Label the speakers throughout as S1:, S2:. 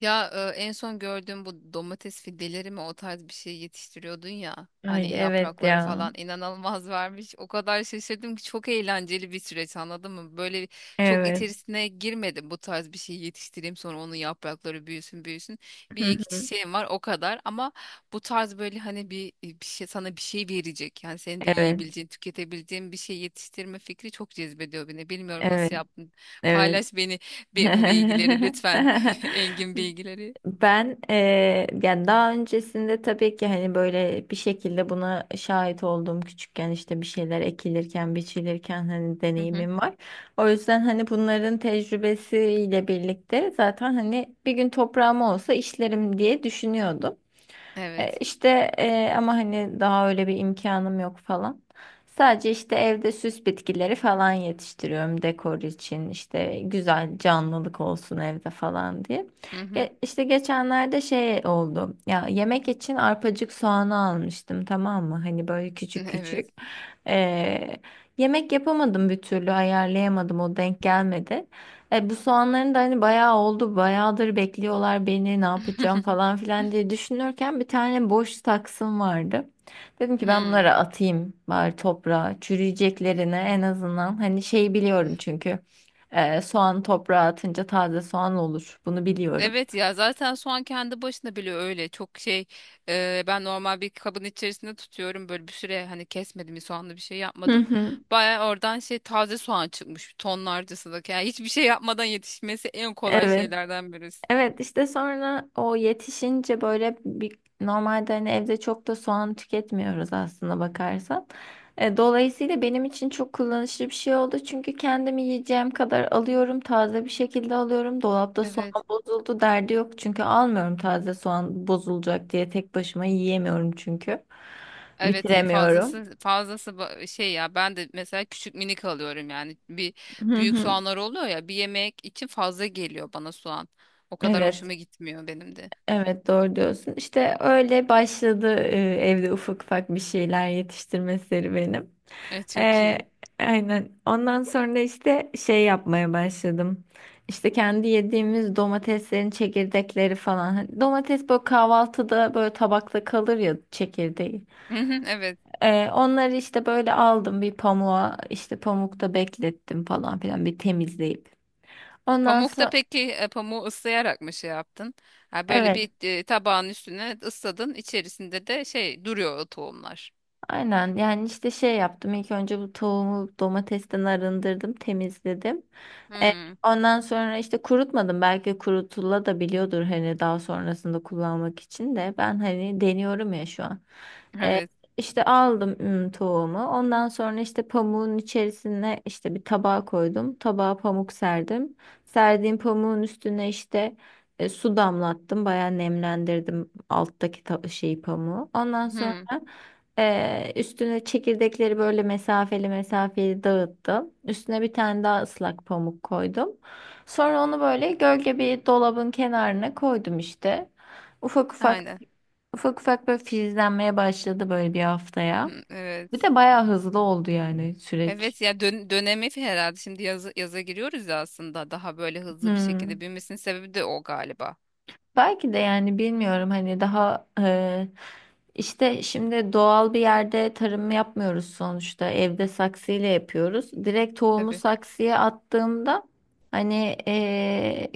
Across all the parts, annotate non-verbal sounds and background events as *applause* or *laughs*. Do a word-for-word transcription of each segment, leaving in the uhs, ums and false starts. S1: Ya e, en son gördüğüm bu domates fideleri mi, o tarz bir şey yetiştiriyordun ya.
S2: Ay
S1: Hani
S2: evet
S1: yaprakları
S2: ya.
S1: falan inanılmaz *laughs* vermiş. O kadar şaşırdım ki, çok eğlenceli bir süreç, anladın mı? Böyle çok
S2: Evet.
S1: içerisine girmedim, bu tarz bir şey yetiştireyim sonra onun yaprakları büyüsün büyüsün. Bir
S2: Hı
S1: iki
S2: hı.
S1: çiçeğim var o kadar, ama bu tarz böyle hani bir, bir şey sana bir şey verecek. Yani senin de
S2: Evet.
S1: yiyebileceğin, tüketebileceğin bir şey yetiştirme fikri çok cezbediyor beni. Bilmiyorum
S2: Evet.
S1: nasıl yaptın.
S2: Evet.
S1: Paylaş beni bi- bu bilgileri lütfen. *laughs*
S2: *laughs*
S1: Engin bilgileri.
S2: Ben eee, yani daha öncesinde tabii ki hani böyle bir şekilde buna şahit olduğum küçükken işte bir şeyler ekilirken, biçilirken hani
S1: Hı hı.
S2: deneyimim var. O yüzden hani bunların tecrübesiyle birlikte zaten hani bir gün toprağım olsa işlerim diye düşünüyordum. E,
S1: Evet.
S2: İşte e, ama hani daha öyle bir imkanım yok falan. Sadece işte evde süs bitkileri falan yetiştiriyorum dekor için. İşte güzel canlılık olsun evde falan diye.
S1: Hı hı.
S2: Ge- işte geçenlerde şey oldu. Ya yemek için arpacık soğanı almıştım, tamam mı? Hani böyle küçük küçük.
S1: Evet.
S2: E, Yemek yapamadım, bir türlü ayarlayamadım, o denk gelmedi. E, bu soğanların da hani bayağı oldu, bayağıdır bekliyorlar beni, ne yapacağım falan
S1: *laughs*
S2: filan diye düşünürken bir tane boş taksım vardı. Dedim ki ben bunları
S1: Hmm.
S2: atayım bari toprağa, çürüyeceklerine en azından. Hani şey, biliyorum çünkü e, soğan toprağa atınca taze soğan olur, bunu biliyorum.
S1: Evet ya, zaten soğan kendi başına bile öyle çok şey, e, ben normal bir kabın içerisinde tutuyorum böyle bir süre, hani kesmedim, bir soğanlı bir şey
S2: Hı
S1: yapmadım,
S2: hı.
S1: baya oradan şey, taze soğan çıkmış tonlarcası da. Yani hiçbir şey yapmadan yetişmesi en kolay
S2: Evet.
S1: şeylerden birisi.
S2: Evet işte sonra o yetişince böyle bir, normalde hani evde çok da soğan tüketmiyoruz aslında bakarsan. E, dolayısıyla benim için çok kullanışlı bir şey oldu. Çünkü kendimi yiyeceğim kadar alıyorum. Taze bir şekilde alıyorum. Dolapta soğan
S1: Evet.
S2: bozuldu derdi yok. Çünkü almıyorum, taze soğan bozulacak diye. Tek başıma yiyemiyorum çünkü.
S1: Evet e,
S2: Bitiremiyorum.
S1: fazlası fazlası ba- e, şey ya, ben de mesela küçük minik alıyorum. Yani bir,
S2: Hı
S1: büyük
S2: hı.
S1: soğanlar oluyor ya, bir yemek için fazla geliyor bana soğan. O kadar
S2: Evet.
S1: hoşuma gitmiyor benim de. *laughs*
S2: Evet doğru diyorsun. İşte öyle başladı e, evde ufak ufak bir şeyler yetiştirme serüvenim.
S1: Evet, çok
S2: E,
S1: iyi.
S2: aynen. Ondan sonra işte şey yapmaya başladım. İşte kendi yediğimiz domateslerin çekirdekleri falan. Hani domates böyle kahvaltıda böyle tabakta kalır ya çekirdeği.
S1: Hı hı, evet.
S2: E, onları işte böyle aldım bir pamuğa, işte pamukta beklettim falan filan bir temizleyip. Ondan
S1: Pamukta
S2: sonra
S1: peki, e, pamuğu ıslayarak mı şey yaptın? Ha, böyle
S2: evet.
S1: bir e, tabağın üstüne ısladın, içerisinde de şey duruyor, o tohumlar.
S2: Aynen yani işte şey yaptım, ilk önce bu tavuğumu domatesten arındırdım, temizledim. E,
S1: Hmm,
S2: Ondan sonra işte kurutmadım, belki kurutula da biliyordur hani daha sonrasında kullanmak için, de ben hani deniyorum ya şu an. E,
S1: evet.
S2: işte aldım ım, tavuğumu, ondan sonra işte pamuğun içerisine işte bir tabağa koydum, tabağa pamuk serdim. Serdiğim pamuğun üstüne işte e, su damlattım, bayağı nemlendirdim alttaki ta- şeyi, pamuğu, ondan sonra
S1: Hmm,
S2: ee, üstüne çekirdekleri böyle mesafeli mesafeli dağıttım. Üstüne bir tane daha ıslak pamuk koydum. Sonra onu böyle gölge bir dolabın kenarına koydum işte. Ufak ufak
S1: aynen.
S2: ufak ufak böyle filizlenmeye başladı böyle bir haftaya.
S1: Hmm,
S2: Bir
S1: evet.
S2: de bayağı hızlı oldu yani süreç.
S1: Evet ya, dön dönemi herhalde, şimdi yazı yaza giriyoruz ya, aslında daha böyle hızlı bir
S2: Hmm.
S1: şekilde büyümesinin sebebi de o galiba.
S2: Belki de yani, bilmiyorum hani daha e, işte şimdi doğal bir yerde tarım yapmıyoruz sonuçta, evde saksıyla yapıyoruz. Direkt tohumu
S1: Tabii.
S2: saksıya attığımda hani e,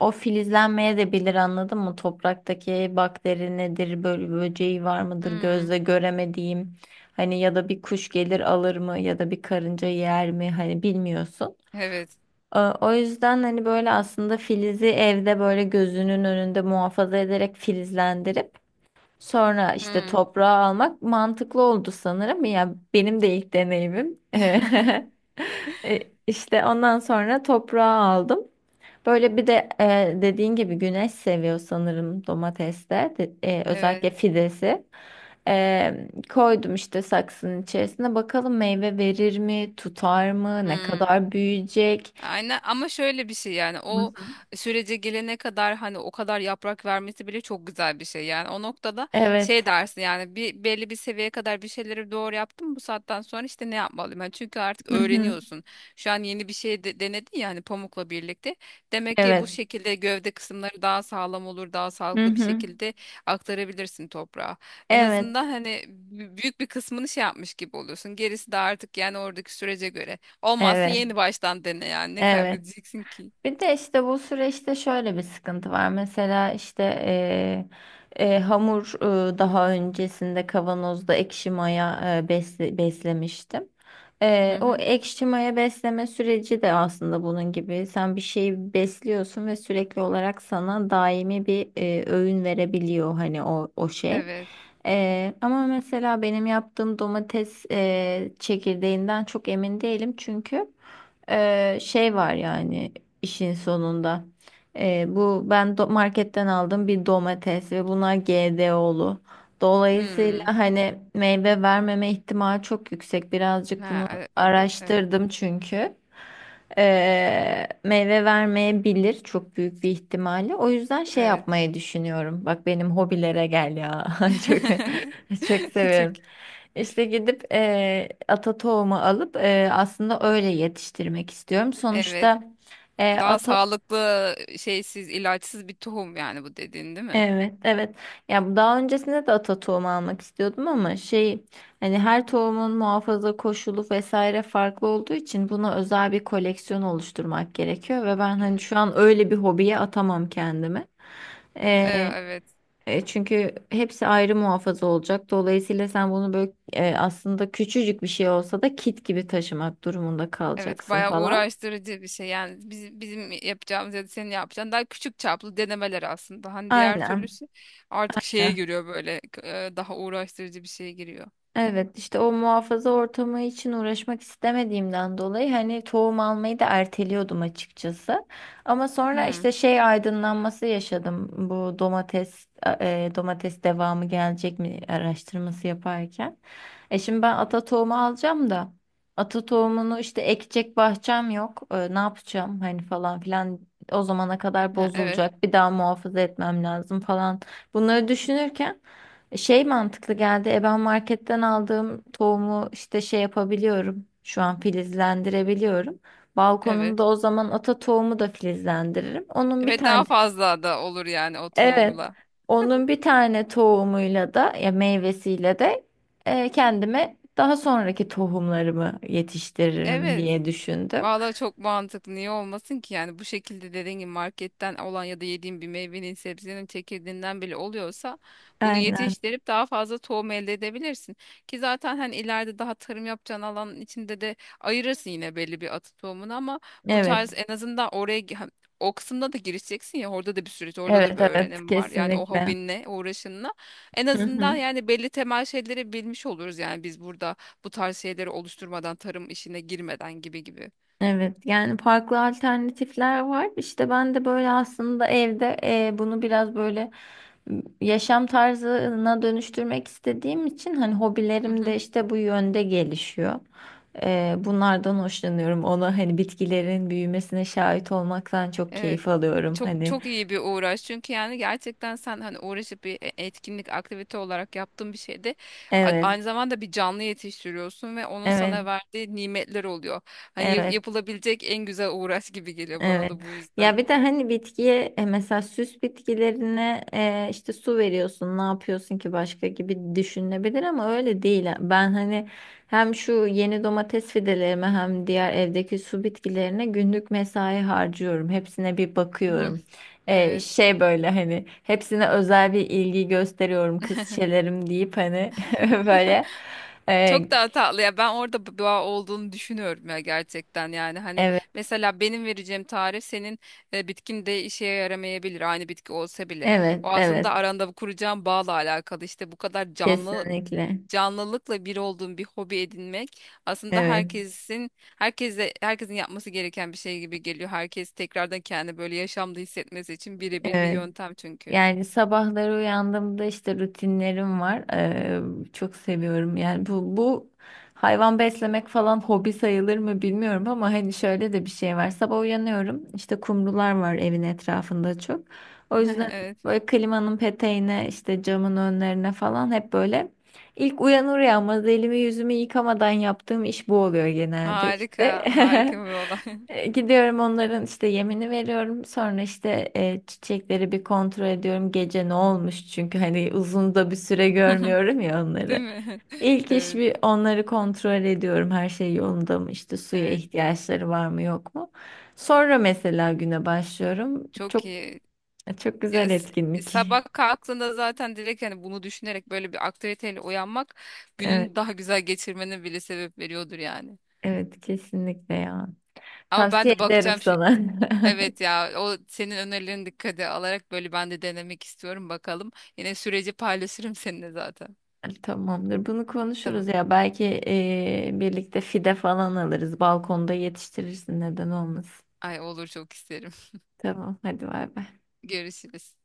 S2: o filizlenmeye de bilir, anladın mı? Topraktaki bakteri nedir, böyle böceği var mıdır
S1: Hmm,
S2: gözle göremediğim, hani ya da bir kuş gelir alır mı ya da bir karınca yer mi, hani bilmiyorsun.
S1: evet.
S2: O o yüzden hani böyle aslında filizi evde böyle gözünün önünde muhafaza ederek filizlendirip sonra işte
S1: Hmm,
S2: toprağa almak mantıklı oldu sanırım. Ya benim de ilk deneyimim. *laughs* E, İşte ondan sonra toprağa aldım. Böyle bir de e, dediğin gibi güneş seviyor sanırım domateste. De- e, özellikle
S1: evet.
S2: fidesi. E, koydum işte saksının içerisine. Bakalım meyve verir mi, tutar mı, ne
S1: Hmm.
S2: kadar büyüyecek.
S1: Aynen, ama şöyle bir şey yani, o sürece gelene kadar hani, o kadar yaprak vermesi bile çok güzel bir şey yani. O noktada şey
S2: Evet.
S1: dersin yani, bir belli bir seviyeye kadar bir şeyleri doğru yaptım, bu saatten sonra işte ne yapmalıyım yani, çünkü artık
S2: Hı hı.
S1: öğreniyorsun şu an yeni bir şey de, denedin ya hani pamukla birlikte. Demek ki bu
S2: Evet.
S1: şekilde gövde kısımları daha sağlam olur, daha
S2: Hı
S1: sağlıklı bir
S2: hı.
S1: şekilde aktarabilirsin toprağa, en
S2: Evet.
S1: azından hani bü- büyük bir kısmını şey yapmış gibi oluyorsun, gerisi de artık yani oradaki sürece göre. Olmazsa
S2: Evet.
S1: yeni baştan dene yani. Ne
S2: Evet.
S1: kaybedeceksin ki?
S2: Bir de işte bu süreçte şöyle bir sıkıntı var. Mesela işte eee, eee, hamur eee, daha öncesinde kavanozda ekşi maya eee, besle- beslemiştim.
S1: Hı
S2: Eee,
S1: hı.
S2: o ekşi maya besleme süreci de aslında bunun gibi. Sen bir şeyi besliyorsun ve sürekli olarak sana daimi bir eee, öğün verebiliyor hani o o şey.
S1: Evet.
S2: Eee, ama mesela benim yaptığım domates eee, çekirdeğinden çok emin değilim çünkü. Ee, şey var yani işin sonunda. Ee, bu ben do- marketten aldım bir domates ve bunlar G D O'lu. Dolayısıyla
S1: Hmm.
S2: hani meyve vermeme ihtimali çok yüksek. Birazcık
S1: Ha,
S2: bunu
S1: e- o da- evet.
S2: araştırdım çünkü. Ee, meyve vermeyebilir çok büyük bir ihtimalle. O yüzden şey
S1: Evet.
S2: yapmayı düşünüyorum. Bak benim hobilere gel ya. *laughs* Çok.
S1: *laughs*
S2: *laughs* Çok
S1: Çok.
S2: seviyorum. İşte gidip eee ata tohumu alıp, eee, aslında öyle yetiştirmek istiyorum.
S1: Evet.
S2: Sonuçta eee,
S1: Daha
S2: ata,
S1: sağlıklı şeysiz, ilaçsız bir tohum yani, bu dediğin değil mi?
S2: evet evet. Ya daha öncesinde de ata tohumu almak istiyordum ama şey, hani her tohumun muhafaza koşulu vesaire farklı olduğu için buna özel bir koleksiyon oluşturmak gerekiyor ve ben hani şu an öyle bir hobiye atamam kendimi.
S1: E, evet.
S2: E, çünkü hepsi ayrı muhafaza olacak. Dolayısıyla sen bunu böyle e, aslında küçücük bir şey olsa da kit gibi taşımak durumunda
S1: Evet,
S2: kalacaksın
S1: bayağı
S2: falan.
S1: uğraştırıcı bir şey. Yani biz, bizim yapacağımız ya da senin yapacağın daha küçük çaplı denemeler aslında. Hani diğer
S2: Aynen.
S1: türlüsü artık şeye giriyor, böyle e, daha uğraştırıcı bir şeye giriyor.
S2: Evet, işte o muhafaza ortamı için uğraşmak istemediğimden dolayı hani tohum almayı da erteliyordum açıkçası. Ama sonra
S1: Hmm.
S2: işte şey aydınlanması yaşadım, bu domates e, domates devamı gelecek mi araştırması yaparken. E şimdi ben ata tohumu alacağım da ata tohumunu işte ekecek bahçem yok. E, ne yapacağım hani falan filan, o zamana kadar
S1: Ha, evet.
S2: bozulacak, bir daha muhafaza etmem lazım falan, bunları düşünürken şey mantıklı geldi. E ben marketten aldığım tohumu işte şey yapabiliyorum. Şu an filizlendirebiliyorum.
S1: Evet.
S2: Balkonumda o zaman ata tohumu da filizlendiririm. Onun bir
S1: Ve daha
S2: tane
S1: fazla da olur yani o
S2: evet.
S1: tohumla.
S2: Onun bir tane tohumuyla da ya meyvesiyle de e, kendime daha sonraki tohumlarımı yetiştiririm
S1: Evet.
S2: diye düşündüm.
S1: Valla çok mantıklı. Niye olmasın ki? Yani bu şekilde dediğin gibi marketten olan ya da yediğin bir meyvenin, sebzenin çekirdeğinden bile oluyorsa, bunu
S2: Aynen.
S1: yetiştirip daha fazla tohum elde edebilirsin. Ki zaten hani ileride daha tarım yapacağın alanın içinde de ayırırsın yine belli bir atı tohumunu, ama bu
S2: Evet.
S1: tarz en azından oraya gi- ha, o kısımda da girişeceksin ya, orada da bir süreç, orada da
S2: Evet
S1: bir
S2: evet
S1: öğrenim var. Yani o
S2: kesinlikle.
S1: hobinle, uğraşınla en
S2: Hı
S1: azından
S2: hı.
S1: yani belli temel şeyleri bilmiş oluruz yani, biz burada bu tarz şeyleri oluşturmadan, tarım işine girmeden, gibi gibi.
S2: Evet yani farklı alternatifler var. İşte ben de böyle aslında evde e, bunu biraz böyle m, yaşam tarzına dönüştürmek istediğim için hani
S1: Hı
S2: hobilerim de
S1: hı.
S2: işte bu yönde gelişiyor. E, bunlardan hoşlanıyorum. Ona hani bitkilerin büyümesine şahit olmaktan çok
S1: Evet.
S2: keyif alıyorum.
S1: Çok
S2: Hani
S1: çok iyi bir uğraş. Çünkü yani gerçekten sen hani uğraşıp bir e- etkinlik, aktivite olarak yaptığın bir şeyde a-
S2: evet,
S1: aynı zamanda bir canlı yetiştiriyorsun ve onun
S2: evet,
S1: sana verdiği nimetler oluyor. Hani yap-
S2: evet.
S1: yapılabilecek en güzel uğraş gibi geliyor bana
S2: Evet.
S1: da bu
S2: Ya
S1: yüzden.
S2: bir de hani bitkiye e, mesela süs bitkilerine e, işte su veriyorsun, ne yapıyorsun ki başka gibi düşünülebilir ama öyle değil. Ben hani hem şu yeni domates fidelerime hem diğer evdeki su bitkilerine günlük mesai harcıyorum. Hepsine bir
S1: Hı hı.
S2: bakıyorum. E,
S1: Evet.
S2: şey böyle hani hepsine özel bir ilgi gösteriyorum, kız çelerim deyip hani *laughs* böyle. E,
S1: Çok daha tatlı ya, ben orada bir bağ olduğunu düşünüyorum ya gerçekten yani, hani
S2: evet,
S1: mesela benim vereceğim tarif senin e, bitkin de işe yaramayabilir, aynı bitki olsa bile.
S2: evet,
S1: O aslında
S2: evet.
S1: aranda bu kuracağım bağla alakalı, işte bu kadar canlı
S2: Kesinlikle.
S1: canlılıkla bir olduğun bir hobi edinmek aslında
S2: Evet,
S1: herkesin herkese herkesin yapması gereken bir şey gibi geliyor, herkes tekrardan kendi böyle yaşamda hissetmesi için birebir bir
S2: evet.
S1: yöntem çünkü.
S2: Yani sabahları uyandığımda işte rutinlerim var. Ee, çok seviyorum. Yani bu bu hayvan beslemek falan hobi sayılır mı bilmiyorum ama hani şöyle de bir şey var. Sabah uyanıyorum. İşte kumrular var evin etrafında çok. O
S1: *laughs*
S2: yüzden
S1: Evet,
S2: böyle klimanın peteğine işte camın önlerine falan hep böyle ilk uyanır uyanmaz elimi yüzümü yıkamadan yaptığım iş bu oluyor genelde işte.
S1: harika harika
S2: *laughs*
S1: bir olay.
S2: E, Gidiyorum, onların işte yemini veriyorum. Sonra işte e, çiçekleri bir kontrol ediyorum. Gece ne olmuş çünkü hani uzun da bir süre
S1: *laughs*
S2: görmüyorum ya
S1: Değil
S2: onları.
S1: mi? *laughs*
S2: İlk iş
S1: Evet,
S2: bir onları kontrol ediyorum. Her şey yolunda mı? İşte suya
S1: evet.
S2: ihtiyaçları var mı yok mu? Sonra mesela güne başlıyorum.
S1: Çok
S2: Çok
S1: iyi.
S2: çok güzel
S1: Ya, s-
S2: etkinlik.
S1: sabah kalktığında zaten direkt hani bunu düşünerek böyle bir aktiviteyle uyanmak
S2: *laughs* Evet,
S1: günün daha güzel geçirmene bile sebep veriyordur yani.
S2: evet kesinlikle ya.
S1: Ama ben
S2: Tavsiye
S1: de
S2: ederim
S1: bakacağım şu,
S2: sana.
S1: evet
S2: *laughs*
S1: ya, o senin önerilerini dikkate alarak böyle ben de denemek istiyorum, bakalım. Yine süreci paylaşırım seninle zaten.
S2: Tamamdır. Bunu konuşuruz
S1: Tamam.
S2: ya. Belki eee, birlikte fide falan alırız. Balkonda yetiştirirsin. Neden olmasın?
S1: Ay, olur, çok isterim.
S2: Tamam. Hadi bay bay.
S1: *laughs* Görüşürüz.